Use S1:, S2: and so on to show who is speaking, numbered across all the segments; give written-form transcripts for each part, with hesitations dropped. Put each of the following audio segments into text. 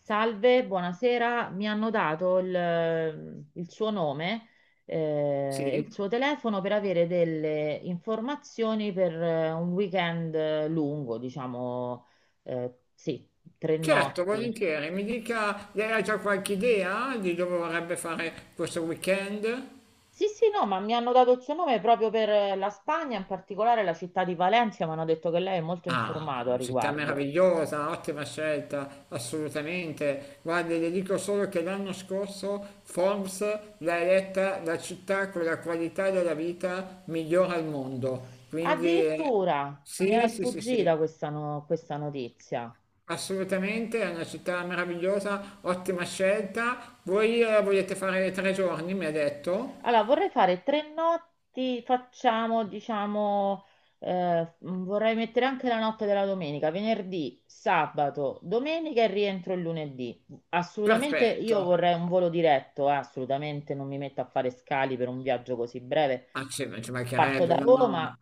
S1: Salve, buonasera. Mi hanno dato il suo nome, e il
S2: Sì,
S1: suo telefono per avere delle informazioni per un weekend lungo, diciamo, sì, tre
S2: certo,
S1: notti.
S2: volentieri. Mi dica, lei ha già qualche idea di dove vorrebbe fare questo weekend?
S1: Sì, sì, no, ma mi hanno dato il suo nome proprio per la Spagna, in particolare la città di Valencia. Mi hanno detto che lei è molto informato
S2: Ah,
S1: a
S2: città
S1: riguardo.
S2: meravigliosa, ottima scelta, assolutamente. Guarda, le dico solo che l'anno scorso Forbes l'ha eletta la città con la qualità della vita migliore al mondo. Quindi
S1: Addirittura mi era
S2: sì, sì, sì,
S1: sfuggita
S2: sì,
S1: questa, no- questa notizia.
S2: assolutamente, è una città meravigliosa, ottima scelta. Voi volete fare 3 giorni, mi ha detto?
S1: Allora, vorrei fare 3 notti, facciamo, diciamo, vorrei mettere anche la notte della domenica: venerdì, sabato, domenica e rientro il lunedì. Assolutamente,
S2: Perfetto,
S1: io vorrei un volo diretto, assolutamente non mi metto a fare scali per un viaggio così breve.
S2: ah sì, ma ci
S1: Parto da
S2: mancherebbe, no,
S1: Roma.
S2: no.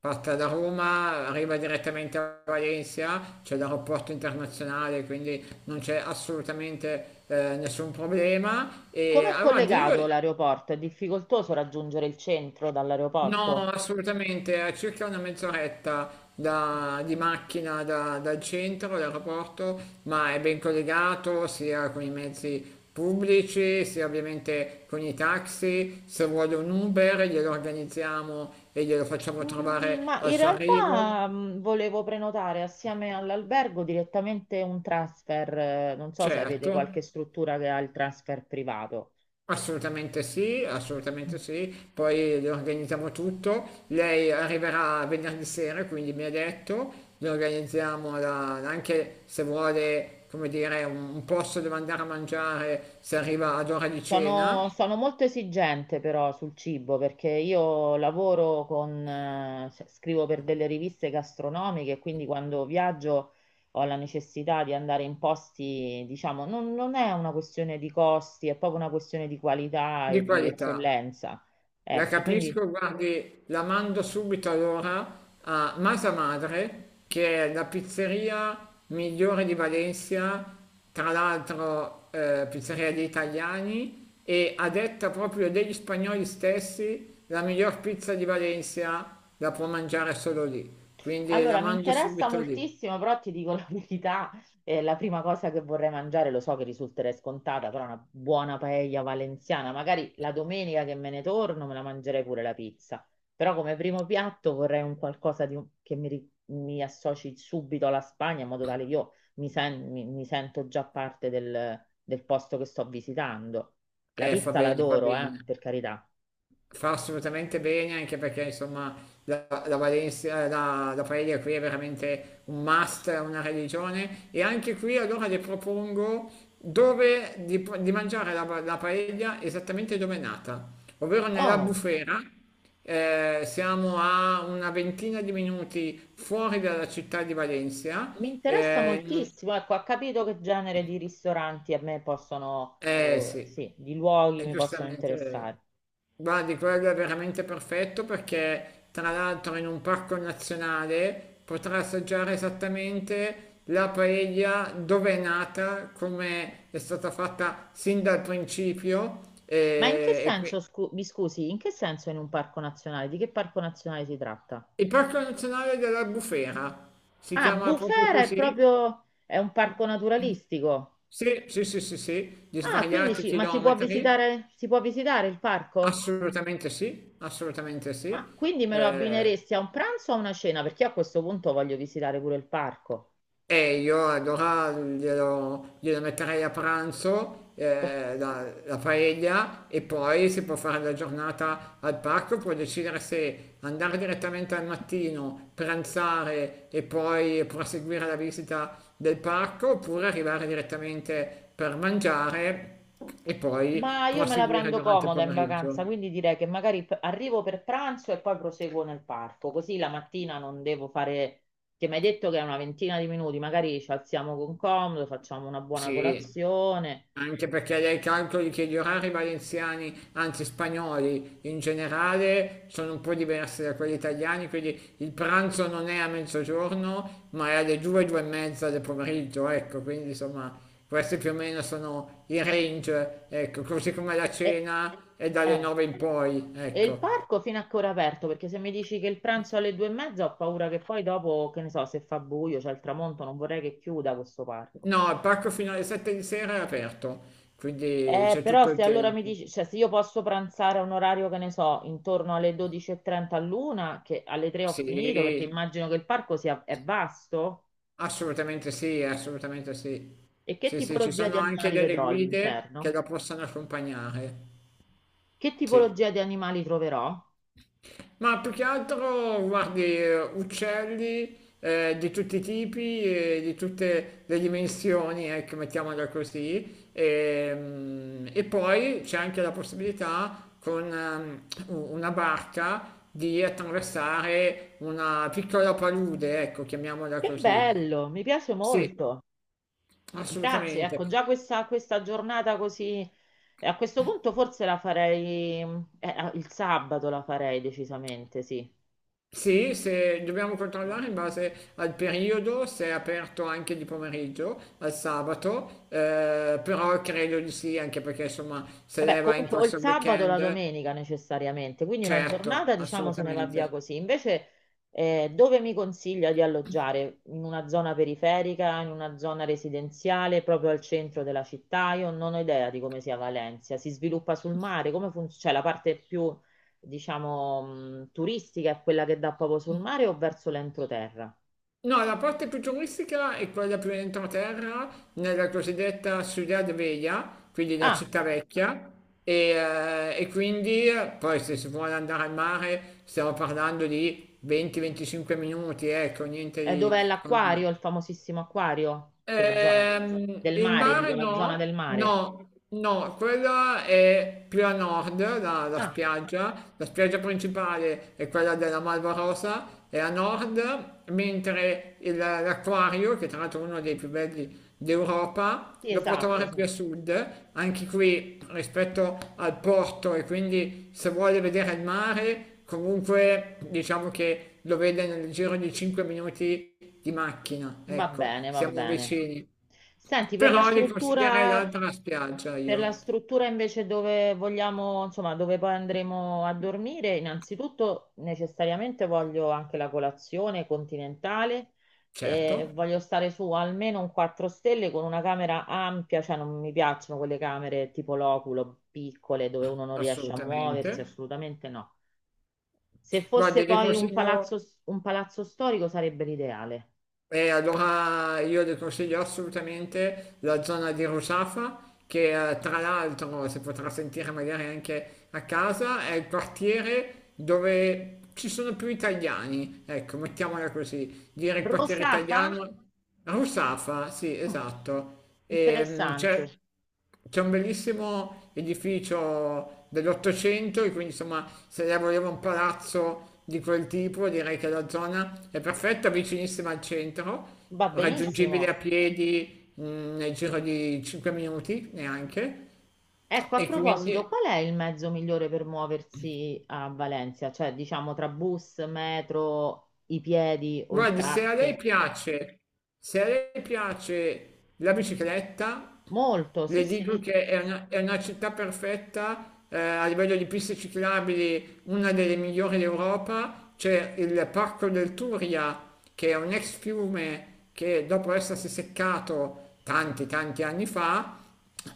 S2: Parta da Roma, arriva direttamente a Valencia, c'è l'aeroporto internazionale, quindi non c'è assolutamente nessun problema. E
S1: Com'è
S2: allora, Dio.
S1: collegato l'aeroporto? È difficoltoso raggiungere il centro
S2: No,
S1: dall'aeroporto?
S2: assolutamente, a circa una mezz'oretta di macchina dal centro, dall'aeroporto, ma è ben collegato sia con i mezzi pubblici, sia ovviamente con i taxi. Se vuole un Uber, glielo organizziamo e glielo facciamo trovare
S1: Ma
S2: al
S1: in
S2: suo arrivo.
S1: realtà, volevo prenotare assieme all'albergo direttamente un transfer. Non so se avete
S2: Certo,
S1: qualche struttura che ha il transfer privato.
S2: assolutamente sì, assolutamente
S1: Mm.
S2: sì, poi le organizziamo tutto, lei arriverà venerdì sera, quindi mi ha detto, le organizziamo anche se vuole, come dire, un posto dove andare a mangiare, se arriva ad ora di cena,
S1: Sono molto esigente però sul cibo, perché io lavoro con, cioè, scrivo per delle riviste gastronomiche, quindi quando viaggio ho la necessità di andare in posti, diciamo, non è una questione di costi, è proprio una questione di qualità
S2: di
S1: e di
S2: qualità.
S1: eccellenza.
S2: La
S1: Ecco, quindi.
S2: capisco, guardi, la mando subito allora a Masa Madre, che è la pizzeria migliore di Valencia, tra l'altro pizzeria degli italiani e a detta proprio degli spagnoli stessi, la miglior pizza di Valencia la può mangiare solo lì. Quindi la
S1: Allora, mi
S2: mando
S1: interessa
S2: subito lì.
S1: moltissimo, però ti dico la verità, la prima cosa che vorrei mangiare, lo so che risulterei scontata, però una buona paella valenziana. Magari la domenica che me ne torno me la mangerei pure la pizza, però come primo piatto vorrei un qualcosa di che mi associ subito alla Spagna, in modo tale che io mi sento già parte del posto che sto visitando. La
S2: Fa
S1: pizza
S2: bene, fa
S1: l'adoro,
S2: bene.
S1: per carità.
S2: Fa assolutamente bene anche perché insomma la Valencia, la paella qui è veramente un must, è una religione e anche qui allora le propongo dove di mangiare la paella esattamente dove è nata, ovvero nella
S1: Oh.
S2: bufera, siamo a una ventina di minuti fuori dalla città di Valencia,
S1: Mi interessa
S2: eh,
S1: moltissimo, ecco, ha capito che genere di ristoranti a me possono,
S2: eh
S1: o,
S2: sì,
S1: sì, di luoghi
S2: è
S1: mi possono
S2: giustamente...
S1: interessare.
S2: Guardi, quello è veramente perfetto perché tra l'altro in un parco nazionale potrà assaggiare esattamente la paella dove è nata, come è stata fatta sin dal principio.
S1: Ma in che senso, mi scusi, in che senso in un parco nazionale? Di che parco nazionale si tratta?
S2: Il parco nazionale dell'Albufera si
S1: Ah,
S2: chiama proprio
S1: Bufera è
S2: così?
S1: proprio, è un parco naturalistico.
S2: Sì, sì, sì, sì, sì, di
S1: Ah, quindi
S2: svariati
S1: ma si può
S2: chilometri.
S1: visitare, si può visitare il parco?
S2: Assolutamente sì, assolutamente
S1: Ah,
S2: sì.
S1: quindi me lo
S2: Eh,
S1: abbineresti a un pranzo o a una cena? Perché io a questo punto voglio visitare pure il parco.
S2: e io allora glielo metterei a pranzo,
S1: Ok.
S2: la paella, e poi si può fare la giornata al parco, può decidere se andare direttamente al mattino, pranzare e poi proseguire la visita del parco, oppure arrivare direttamente per mangiare e poi
S1: Ma io me la
S2: proseguire
S1: prendo
S2: durante il
S1: comoda in
S2: pomeriggio.
S1: vacanza, quindi direi che magari arrivo per pranzo e poi proseguo nel parco, così la mattina non devo fare, che mi hai detto che è una ventina di minuti, magari ci alziamo con comodo, facciamo una buona
S2: Sì,
S1: colazione.
S2: anche perché lei calcoli che gli orari valenziani, anzi spagnoli in generale, sono un po' diversi da quelli italiani, quindi il pranzo non è a mezzogiorno, ma è alle due, due e mezza del pomeriggio, ecco, quindi insomma questi più o meno sono i range, ecco, così come la
S1: E,
S2: cena è dalle
S1: eh,
S2: nove in poi,
S1: e il
S2: ecco.
S1: parco fino a che ora è aperto? Perché se mi dici che il pranzo è alle due e mezza ho paura che poi dopo, che ne so, se fa buio, c'è il tramonto, non vorrei che chiuda questo parco.
S2: No, il parco fino alle sette di sera è aperto, quindi c'è
S1: Però
S2: tutto il
S1: se allora mi
S2: tempo.
S1: dici, cioè se io posso pranzare a un orario che ne so, intorno alle 12:30 all'una, che alle 3 ho finito, perché
S2: Sì.
S1: immagino che il parco sia è vasto,
S2: Assolutamente sì, assolutamente sì.
S1: e che
S2: Sì, sì, ci
S1: tipologia di
S2: sono anche
S1: animali
S2: delle
S1: vedrò
S2: guide che
S1: all'interno?
S2: la possono accompagnare.
S1: Che
S2: Sì.
S1: tipologia di animali troverò?
S2: Ma più che altro, guardi, uccelli di tutti i tipi e di tutte le dimensioni, ecco, mettiamola così. E poi c'è anche la possibilità con una barca di attraversare una piccola palude, ecco, chiamiamola
S1: Che
S2: così.
S1: bello, mi piace
S2: Sì.
S1: molto. Grazie,
S2: Assolutamente.
S1: ecco, già questa giornata così, a questo punto forse la farei, il sabato la farei decisamente, sì.
S2: Sì, se dobbiamo controllare in base al periodo, se è aperto anche di pomeriggio, al sabato, però credo di sì, anche perché insomma se
S1: Vabbè,
S2: lei va in
S1: comunque o il
S2: corso al
S1: sabato o la
S2: weekend,
S1: domenica necessariamente, quindi una
S2: certo,
S1: giornata diciamo se ne va via
S2: assolutamente.
S1: così. Invece dove mi consiglia di alloggiare? In una zona periferica, in una zona residenziale, proprio al centro della città? Io non ho idea di come sia Valencia, si sviluppa sul mare, come funziona? Cioè la parte più diciamo turistica è quella che dà proprio sul mare o verso l'entroterra?
S2: No, la parte più turistica è quella più entroterra, nella cosiddetta Ciudad Vella, quindi la
S1: Ah,
S2: città vecchia, e, e quindi poi se si vuole andare al mare stiamo parlando di 20-25 minuti, ecco, niente
S1: è dov'è
S2: di... con-
S1: l'acquario, il famosissimo acquario? Quella zona del
S2: Il
S1: mare, dico
S2: mare
S1: la zona
S2: no,
S1: del mare.
S2: no, no, quella è più a nord, la, la
S1: Ah.
S2: spiaggia, la spiaggia principale è quella della Malva Rosa, è a nord, mentre l'acquario, che tra l'altro è uno dei più belli d'Europa,
S1: Sì,
S2: lo può
S1: esatto,
S2: trovare
S1: sì.
S2: più a sud, anche qui rispetto al porto e quindi se vuole vedere il mare, comunque diciamo che lo vede nel giro di 5 minuti di macchina,
S1: Va
S2: ecco,
S1: bene, va
S2: siamo
S1: bene.
S2: vicini.
S1: Senti, per la
S2: Però li consiglierei
S1: struttura,
S2: l'altra spiaggia
S1: per la
S2: io,
S1: struttura invece dove vogliamo, insomma, dove poi andremo a dormire, innanzitutto necessariamente voglio anche la colazione continentale, e
S2: certo,
S1: voglio stare su almeno un 4 stelle con una camera ampia, cioè non mi piacciono quelle camere tipo loculo, piccole, dove uno non riesce a muoversi,
S2: assolutamente.
S1: assolutamente no. Se fosse
S2: Guardi, vi
S1: poi
S2: consiglio,
S1: un palazzo storico sarebbe l'ideale.
S2: e allora io le consiglio assolutamente la zona di Rusafa, che tra l'altro si potrà sentire magari anche a casa, è il quartiere dove ci sono più italiani, ecco, mettiamola così, dire il quartiere
S1: Rosafa?
S2: italiano. Rusafa, sì,
S1: Mm,
S2: esatto. E, mm,
S1: interessante,
S2: c'è c'è un bellissimo edificio dell'Ottocento, e quindi insomma, se lei voleva un palazzo di quel tipo, direi che la zona è perfetta, vicinissima al centro,
S1: va benissimo.
S2: raggiungibile a piedi, nel giro di 5 minuti neanche.
S1: Ecco, a
S2: E
S1: proposito,
S2: quindi.
S1: qual è il mezzo migliore per muoversi a Valencia? Cioè, diciamo, tra bus, metro, i piedi o il
S2: Guardi, se a lei
S1: taxi?
S2: piace, se a lei piace la bicicletta,
S1: Molto, sì,
S2: le dico
S1: sì.
S2: che è una città perfetta, a livello di piste ciclabili, una delle migliori d'Europa. C'è il Parco del Turia, che è un ex fiume che dopo essersi seccato tanti, tanti anni fa,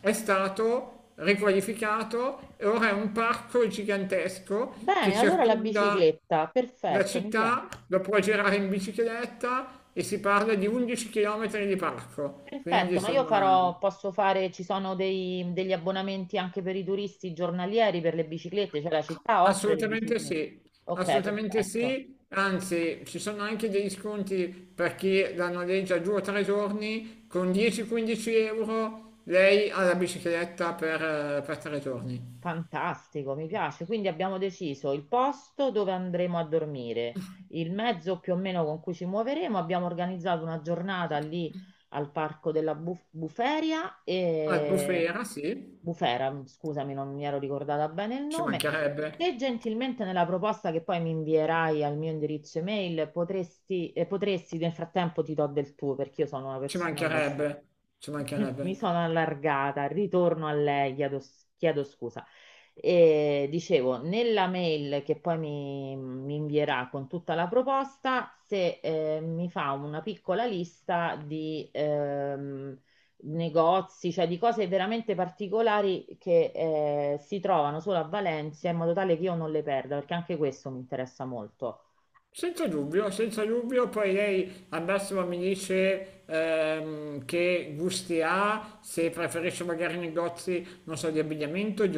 S2: è stato riqualificato e ora è un parco gigantesco che
S1: Bene, allora la
S2: circonda...
S1: bicicletta,
S2: La
S1: perfetto, mi piace.
S2: città la puoi girare in bicicletta e si parla di 11 km di parco, quindi
S1: Perfetto, ma io
S2: insomma
S1: farò, posso fare, ci sono degli abbonamenti anche per i turisti giornalieri per le biciclette, cioè la città offre le
S2: assolutamente
S1: biciclette.
S2: sì,
S1: Ok,
S2: assolutamente
S1: perfetto.
S2: sì, anzi ci sono anche degli sconti per chi la noleggia 2 o 3 giorni, con 10-15 euro lei ha la bicicletta per 3 giorni.
S1: Fantastico, mi piace. Quindi abbiamo deciso il posto dove andremo a dormire, il mezzo più o meno con cui ci muoveremo. Abbiamo organizzato una giornata lì al parco della Buferia e
S2: Albufera sì,
S1: Bufera, scusami, non mi ero ricordata bene il
S2: ci
S1: nome.
S2: mancherebbe,
S1: Se gentilmente nella proposta che poi mi invierai al mio indirizzo email potresti nel frattempo, ti do del tuo perché io sono una
S2: ci
S1: persona abbastanza
S2: mancherebbe, ci
S1: mi
S2: mancherebbe.
S1: sono allargata, ritorno a lei, chiedo scusa. E dicevo, nella mail che poi mi invierà con tutta la proposta, se mi fa una piccola lista di negozi, cioè di cose veramente particolari che si trovano solo a Valencia, in modo tale che io non le perda, perché anche questo mi interessa molto.
S2: Senza dubbio, senza dubbio, poi lei al massimo mi dice che gusti ha, se preferisce magari negozi, non so, di abbigliamento, di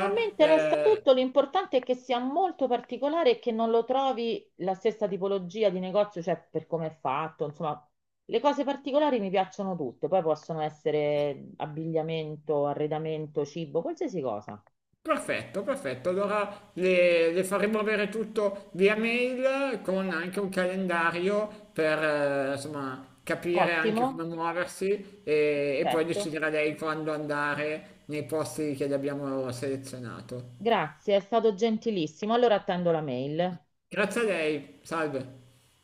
S1: A me interessa tutto, l'importante è che sia molto particolare e che non lo trovi la stessa tipologia di negozio, cioè per come è fatto, insomma, le cose particolari mi piacciono tutte, poi possono essere abbigliamento, arredamento, cibo, qualsiasi cosa.
S2: Perfetto, perfetto. Allora le faremo avere tutto via mail con anche un calendario per insomma capire anche
S1: Ottimo,
S2: come muoversi e poi
S1: perfetto.
S2: deciderà lei quando andare nei posti che le abbiamo selezionato.
S1: Grazie, è stato gentilissimo. Allora attendo la mail.
S2: Grazie a lei, salve.